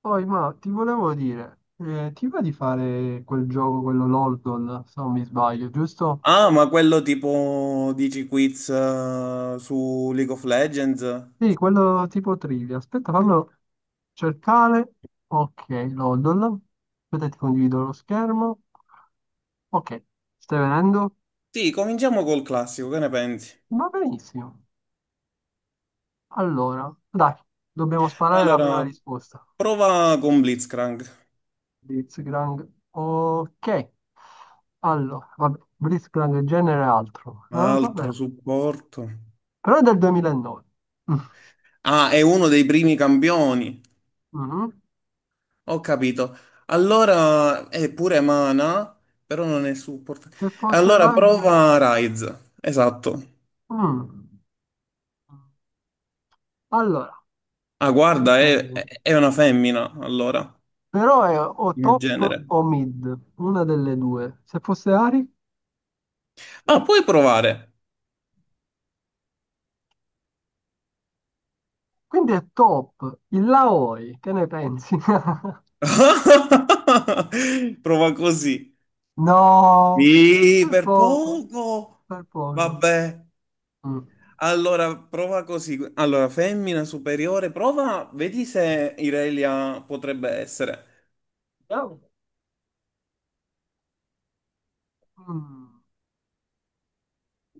Poi, ma ti volevo dire, ti va di fare quel gioco, quello Loldon, se non mi sbaglio, giusto? Ah, ma quello tipo dici quiz su League of Legends? Sì, quello tipo trivia. Aspetta, fallo cercare. Ok, Loldon. Aspetta, ti condivido lo schermo. Ok, stai venendo? Sì, cominciamo col classico, che ne pensi? Va benissimo. Allora, dai, dobbiamo sparare la prima Allora, risposta. prova con Blitzcrank. Blitzcrank. Ok, allora, vabbè, Blitzcrank genere altro. Non lo so, Altro beh. supporto. Però è del 2009. Ah, è uno dei primi campioni. Mhm. Ho capito. Allora, è pure mana, però non è supporto. Se fosse Allora, Rise... prova Ryze. Esatto. Mm. Allora, Ah, guarda, dipende. è una femmina, allora, Però è o nel top genere. o mid, una delle due. Se fosse Ari, Ah, puoi provare. quindi è top. Il Laoi, che ne pensi? Prova così. No, Mi per per poco, poco. per poco. Vabbè. Mm. Allora, prova così. Allora, femmina superiore, prova, vedi se Irelia potrebbe essere. Vediamo. Mm.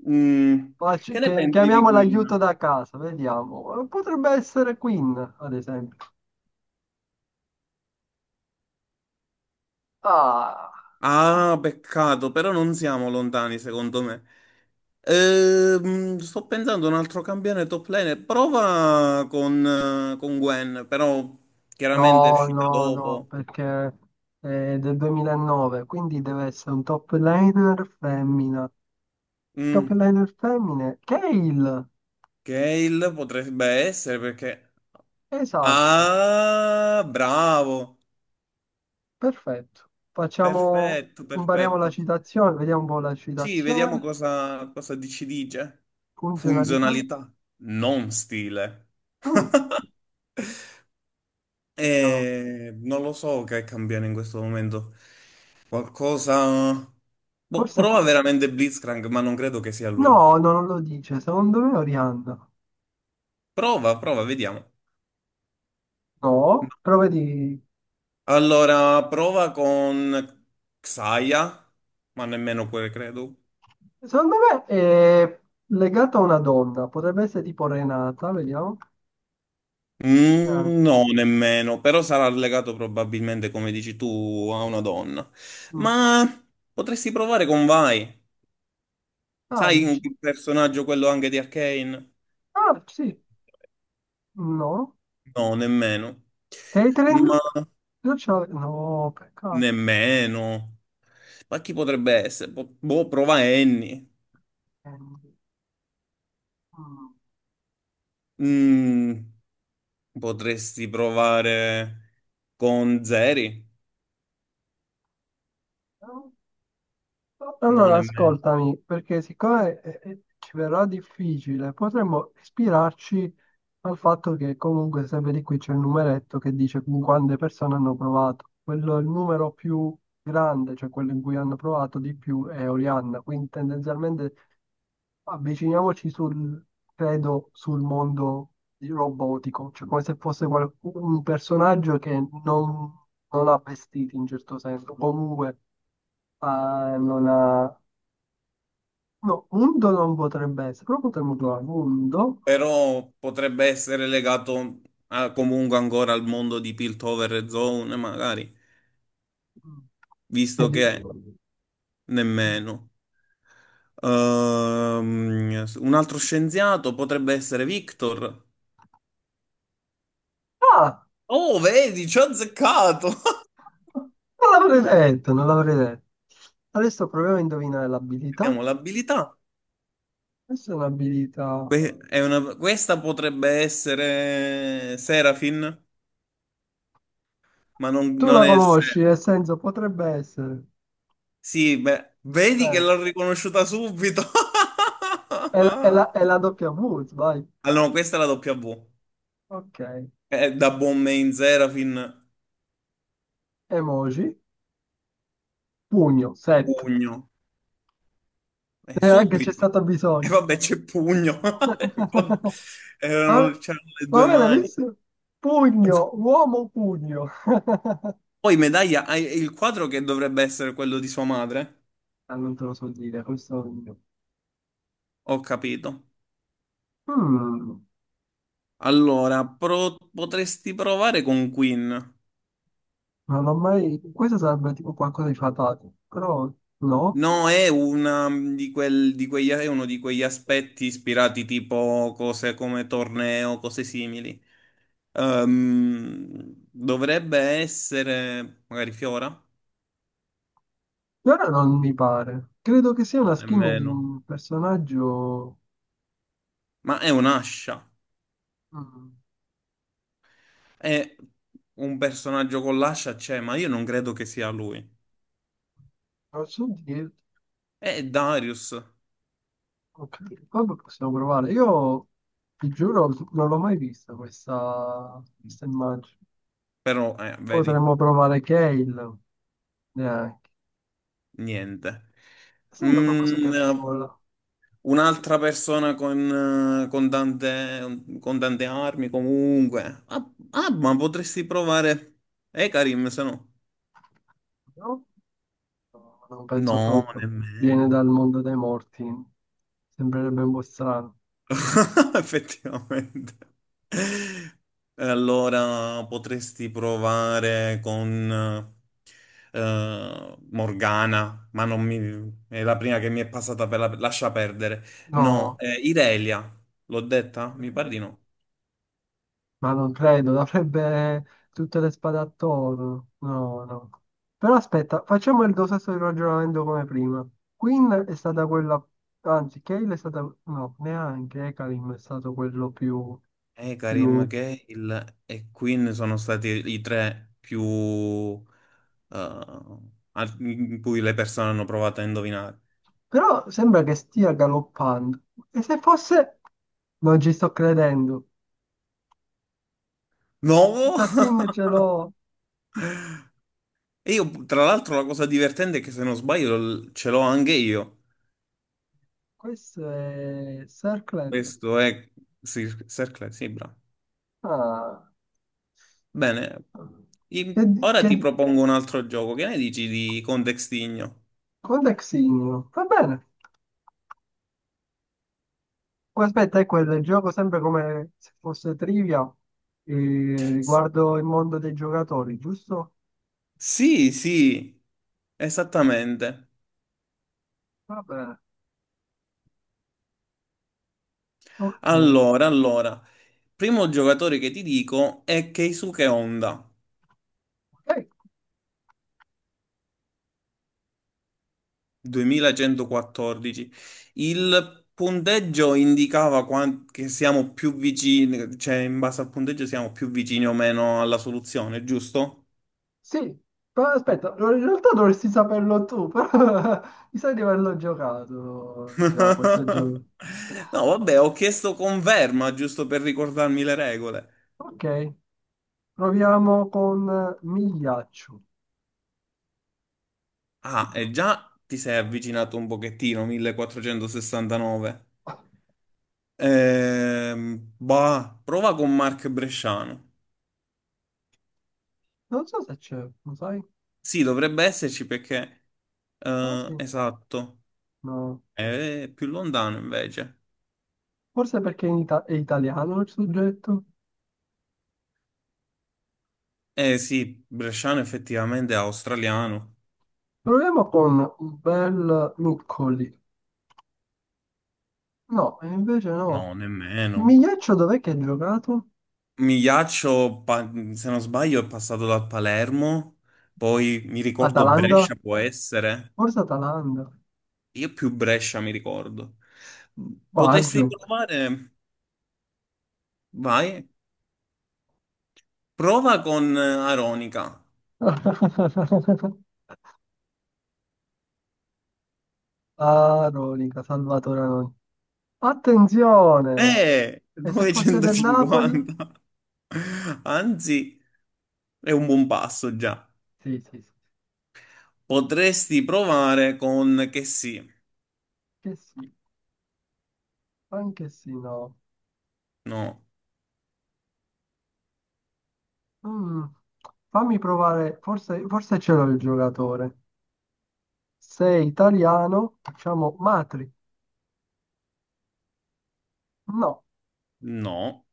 Mm. Che ne pensi di Chiamiamo l'aiuto Queen? da casa, vediamo. Potrebbe essere Queen, ad esempio. Ah. Ah, peccato, però non siamo lontani, secondo me. Sto pensando a un altro campione top lane. Prova con Gwen, però chiaramente è No, uscita no, no, dopo. perché è del 2009, quindi deve essere un top laner femmina. Top Mm. laner femmine, Kayle! Gale potrebbe essere perché... Esatto, Ah, bravo! perfetto. Facciamo, Perfetto, impariamo la perfetto. citazione, vediamo un po' la Sì, vediamo citazione, cosa ci dice. funzionalità. Funzionalità, non stile. Mm, vediamo. E non lo so che cambiano in questo momento. Qualcosa... Boh, Forse... que- prova veramente Blitzcrank, ma non credo che sia lui. No, no, non lo dice, secondo me è Orianna. Prova, vediamo. No, però vedi... Allora, prova con Xayah, ma nemmeno quel credo. Secondo me è legato a una donna, potrebbe essere tipo Renata, vediamo. Ah, Mm, no, nemmeno, però sarà legato probabilmente, come dici tu, a una donna. mm. Ma potresti provare con Vai. Ah, Sai dici. il personaggio quello anche di Arcane? Ah, sì. No. No, nemmeno. Ma Catering? Io c'ho- No, peccato. nemmeno. Ma chi potrebbe essere? Boh, prova Annie. Mm, Mm, potresti provare con Zeri? no. No, Allora, nemmeno. ascoltami, perché siccome ci verrà difficile, potremmo ispirarci al fatto che comunque sempre di qui c'è il numeretto che dice con quante persone hanno provato. Quello è il numero più grande, cioè quello in cui hanno provato di più è Orianna, quindi tendenzialmente avviciniamoci credo, robotico, cioè come se fosse un personaggio che non, non ha vestiti in certo senso, comunque eh, non ha No, undo non potrebbe essere, però potremmo trovare undo. Però potrebbe essere legato comunque ancora al mondo di Piltover e Zone, magari, Mm. visto Quindi- che nemmeno. Un altro scienziato potrebbe essere Victor. Ah, Oh, vedi, ci ho azzeccato! non l'avrei detto, non l'avrei detto. Adesso proviamo a indovinare l'abilità. Abbiamo l'abilità. Questa è un'abilità. È questa potrebbe essere Serafin, ma Tu non la è... conosci, nel senso potrebbe essere. sì, beh, vedi che Eh, l'ho riconosciuta subito. È la doppia W, vai. Allora, no, questa è la W. Ok. Da buon Main Serafin, Emoji, pugno, set. pugno. Neanche c'è Subito. stato E bisogno. vabbè, c'è pugno. Vabbè, c'erano le due vabbè, l'hai mani. visto? Pugno, uomo pugno. Poi medaglia, hai il quadro che dovrebbe essere quello di sua madre? Ah, non te lo so dire, questo... non lo so. Ho capito. Mm, Allora, potresti provare con Queen. non l'ho mai... Questo sarebbe tipo qualcosa di fatale, però no. No, è una di, di quegli, è uno di quegli aspetti ispirati tipo cose come torneo, cose simili. Dovrebbe essere magari Fiora? E ora non mi pare. Credo che sia No, una skin di nemmeno. un personaggio... Ma è un'ascia. mm, È un personaggio con l'ascia, c'è, ma io non credo che sia lui. non so dire... È Darius, Ok, vabbè, possiamo provare. Io, ti giuro, non l'ho mai vista questa immagine. però, vedi, Potremmo provare Kale, neanche. niente. Sembra qualcosa che Mm, vola, un'altra persona con con tante armi, comunque. Ma potresti provare Karim se no. no? No, non penso No, proprio. Viene nemmeno. dal mondo dei morti. Sembrerebbe un po' strano. Effettivamente. Allora potresti provare con Morgana, ma non mi... è la prima che mi è passata per la... Lascia perdere. No, No, Irelia, l'ho detta? Mi pare di no. ma non credo. Avrebbe tutte le spade attorno. No, no. Però aspetta, facciamo il tuo stesso ragionamento come prima. Queen è stata quella... Anzi, Cale è stata... No, neanche. Ekalim è stato quello più... E Karim più... Gale e Queen sono stati i tre più... eh, in cui le persone hanno provato a indovinare. Però sembra che stia galoppando. E se fosse... Non ci sto credendo. No! Questa skin ce l'ho. E io, tra l'altro, la cosa divertente è che se non sbaglio ce l'ho anche io. Questo è Circland. Questo è Circle, sì, bravo. Ah. Bene, Che, ora che, ti propongo un altro gioco. Che ne dici di Contextigno? Codexigno. Va bene. Oh, aspetta, è quello, gioco sempre come se fosse trivia S- riguardo il mondo dei giocatori, giusto? Sì, esattamente. Va bene. Ok. Allora, primo giocatore che ti dico è Keisuke Honda. Ok, 2114. Il punteggio indicava che siamo più vicini, cioè in base al punteggio siamo più vicini o meno alla soluzione, giusto? sì, però aspetta, in realtà dovresti saperlo tu, però mi sa di averlo giocato già questo gioco. No, vabbè, ho chiesto conferma giusto per ricordarmi le regole. Ok, proviamo con Migliaccio. Ah, e Mm, già ti sei avvicinato un pochettino, 1469. Prova con Mark Bresciano. non so se c'è, lo sai? Sì, dovrebbe esserci perché... Ah, sì, esatto. no. È più lontano invece. Forse perché è italiano il soggetto. Eh sì, Bresciano effettivamente è australiano. Proviamo con un bel Nuccoli. No, e invece no. No, nemmeno. Migliaccio dov'è che ha giocato? Migliaccio, se non sbaglio, è passato dal Palermo. Poi mi ricordo Atalanta? Brescia, può essere. Forse Atalanta. Io più Brescia mi ricordo. Potresti Baggio. provare? Vai. Prova con Aronica. Ah, Ronica, Salvatore Anoni. Attenzione! E se fosse del Napoli? 950. Anzi, è un buon passo già. Sì, sì, sì. Potresti provare con che sì. Che sì, anche sì, no. No, Mm, fammi provare, forse ce l'ho il giocatore. Sei italiano, facciamo Matri. No, no.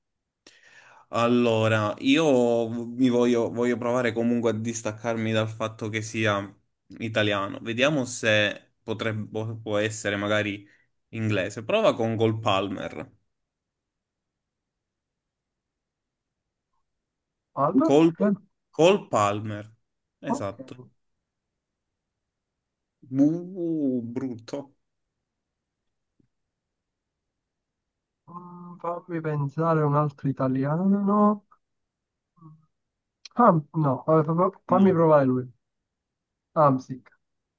Allora, io mi voglio provare comunque a distaccarmi dal fatto che sia italiano. Vediamo se può essere magari inglese. Prova con Col Palmer. Albert. Col, Col Palmer. Ok. Esatto. Brutto. Mm, fammi pensare a un altro italiano. Ham- no, vabbè, fa- fa- Fammi No. provare lui. Hamsik.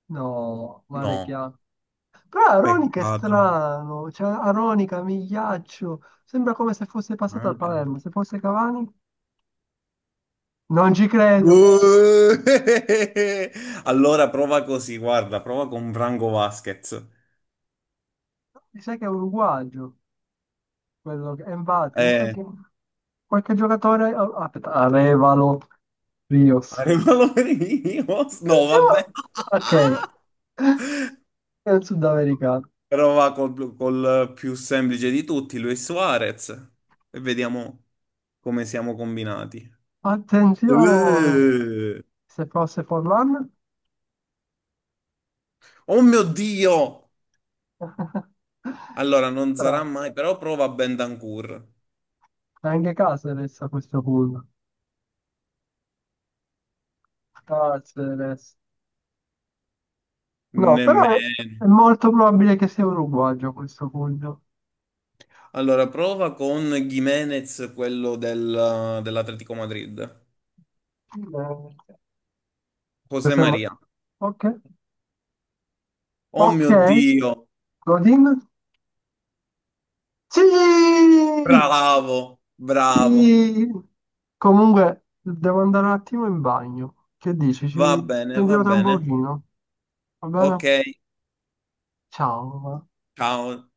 No, male No, chiaro. Però Aronica è peccato. strano. Cioè, Aronica, Migliaccio. Sembra come se fosse passato al Madre. Palermo. Se fosse Cavani, non ci credo. Buh! Allora prova così, guarda, prova con Branco Vasquez. Mi sa che è un uruguagio. Quello che... E infatti, mi sa Eh, che qualche giocatore... ah, aspetta, Arevalo. Rios. Arenolo Merinos? No, vabbè. Attenzione! Ok, è un sudamericano. Però va col più semplice di tutti, Luis Suarez. E vediamo come siamo combinati. Attenzione! Eh. Se fosse Forlan? Oh mio Dio! Allora, non sarà Strano. mai, però prova Bentancur. Anche Caceres a questo punto. Caceres. No, però Nemmeno. è molto probabile che sia uruguayo a questo punto. Allora, prova con Gimenez, quello dell'Atletico Madrid. Eh, José questo è mo- Maria. Ok. Oh Ok. mio Dio! Godin? Sì! Bravo, bravo. Sì, comunque devo andare un attimo in bagno. Che dici? Va Ci bene, va sentiamo tra un bene. pochino, va bene? Ok, Ciao. ciao.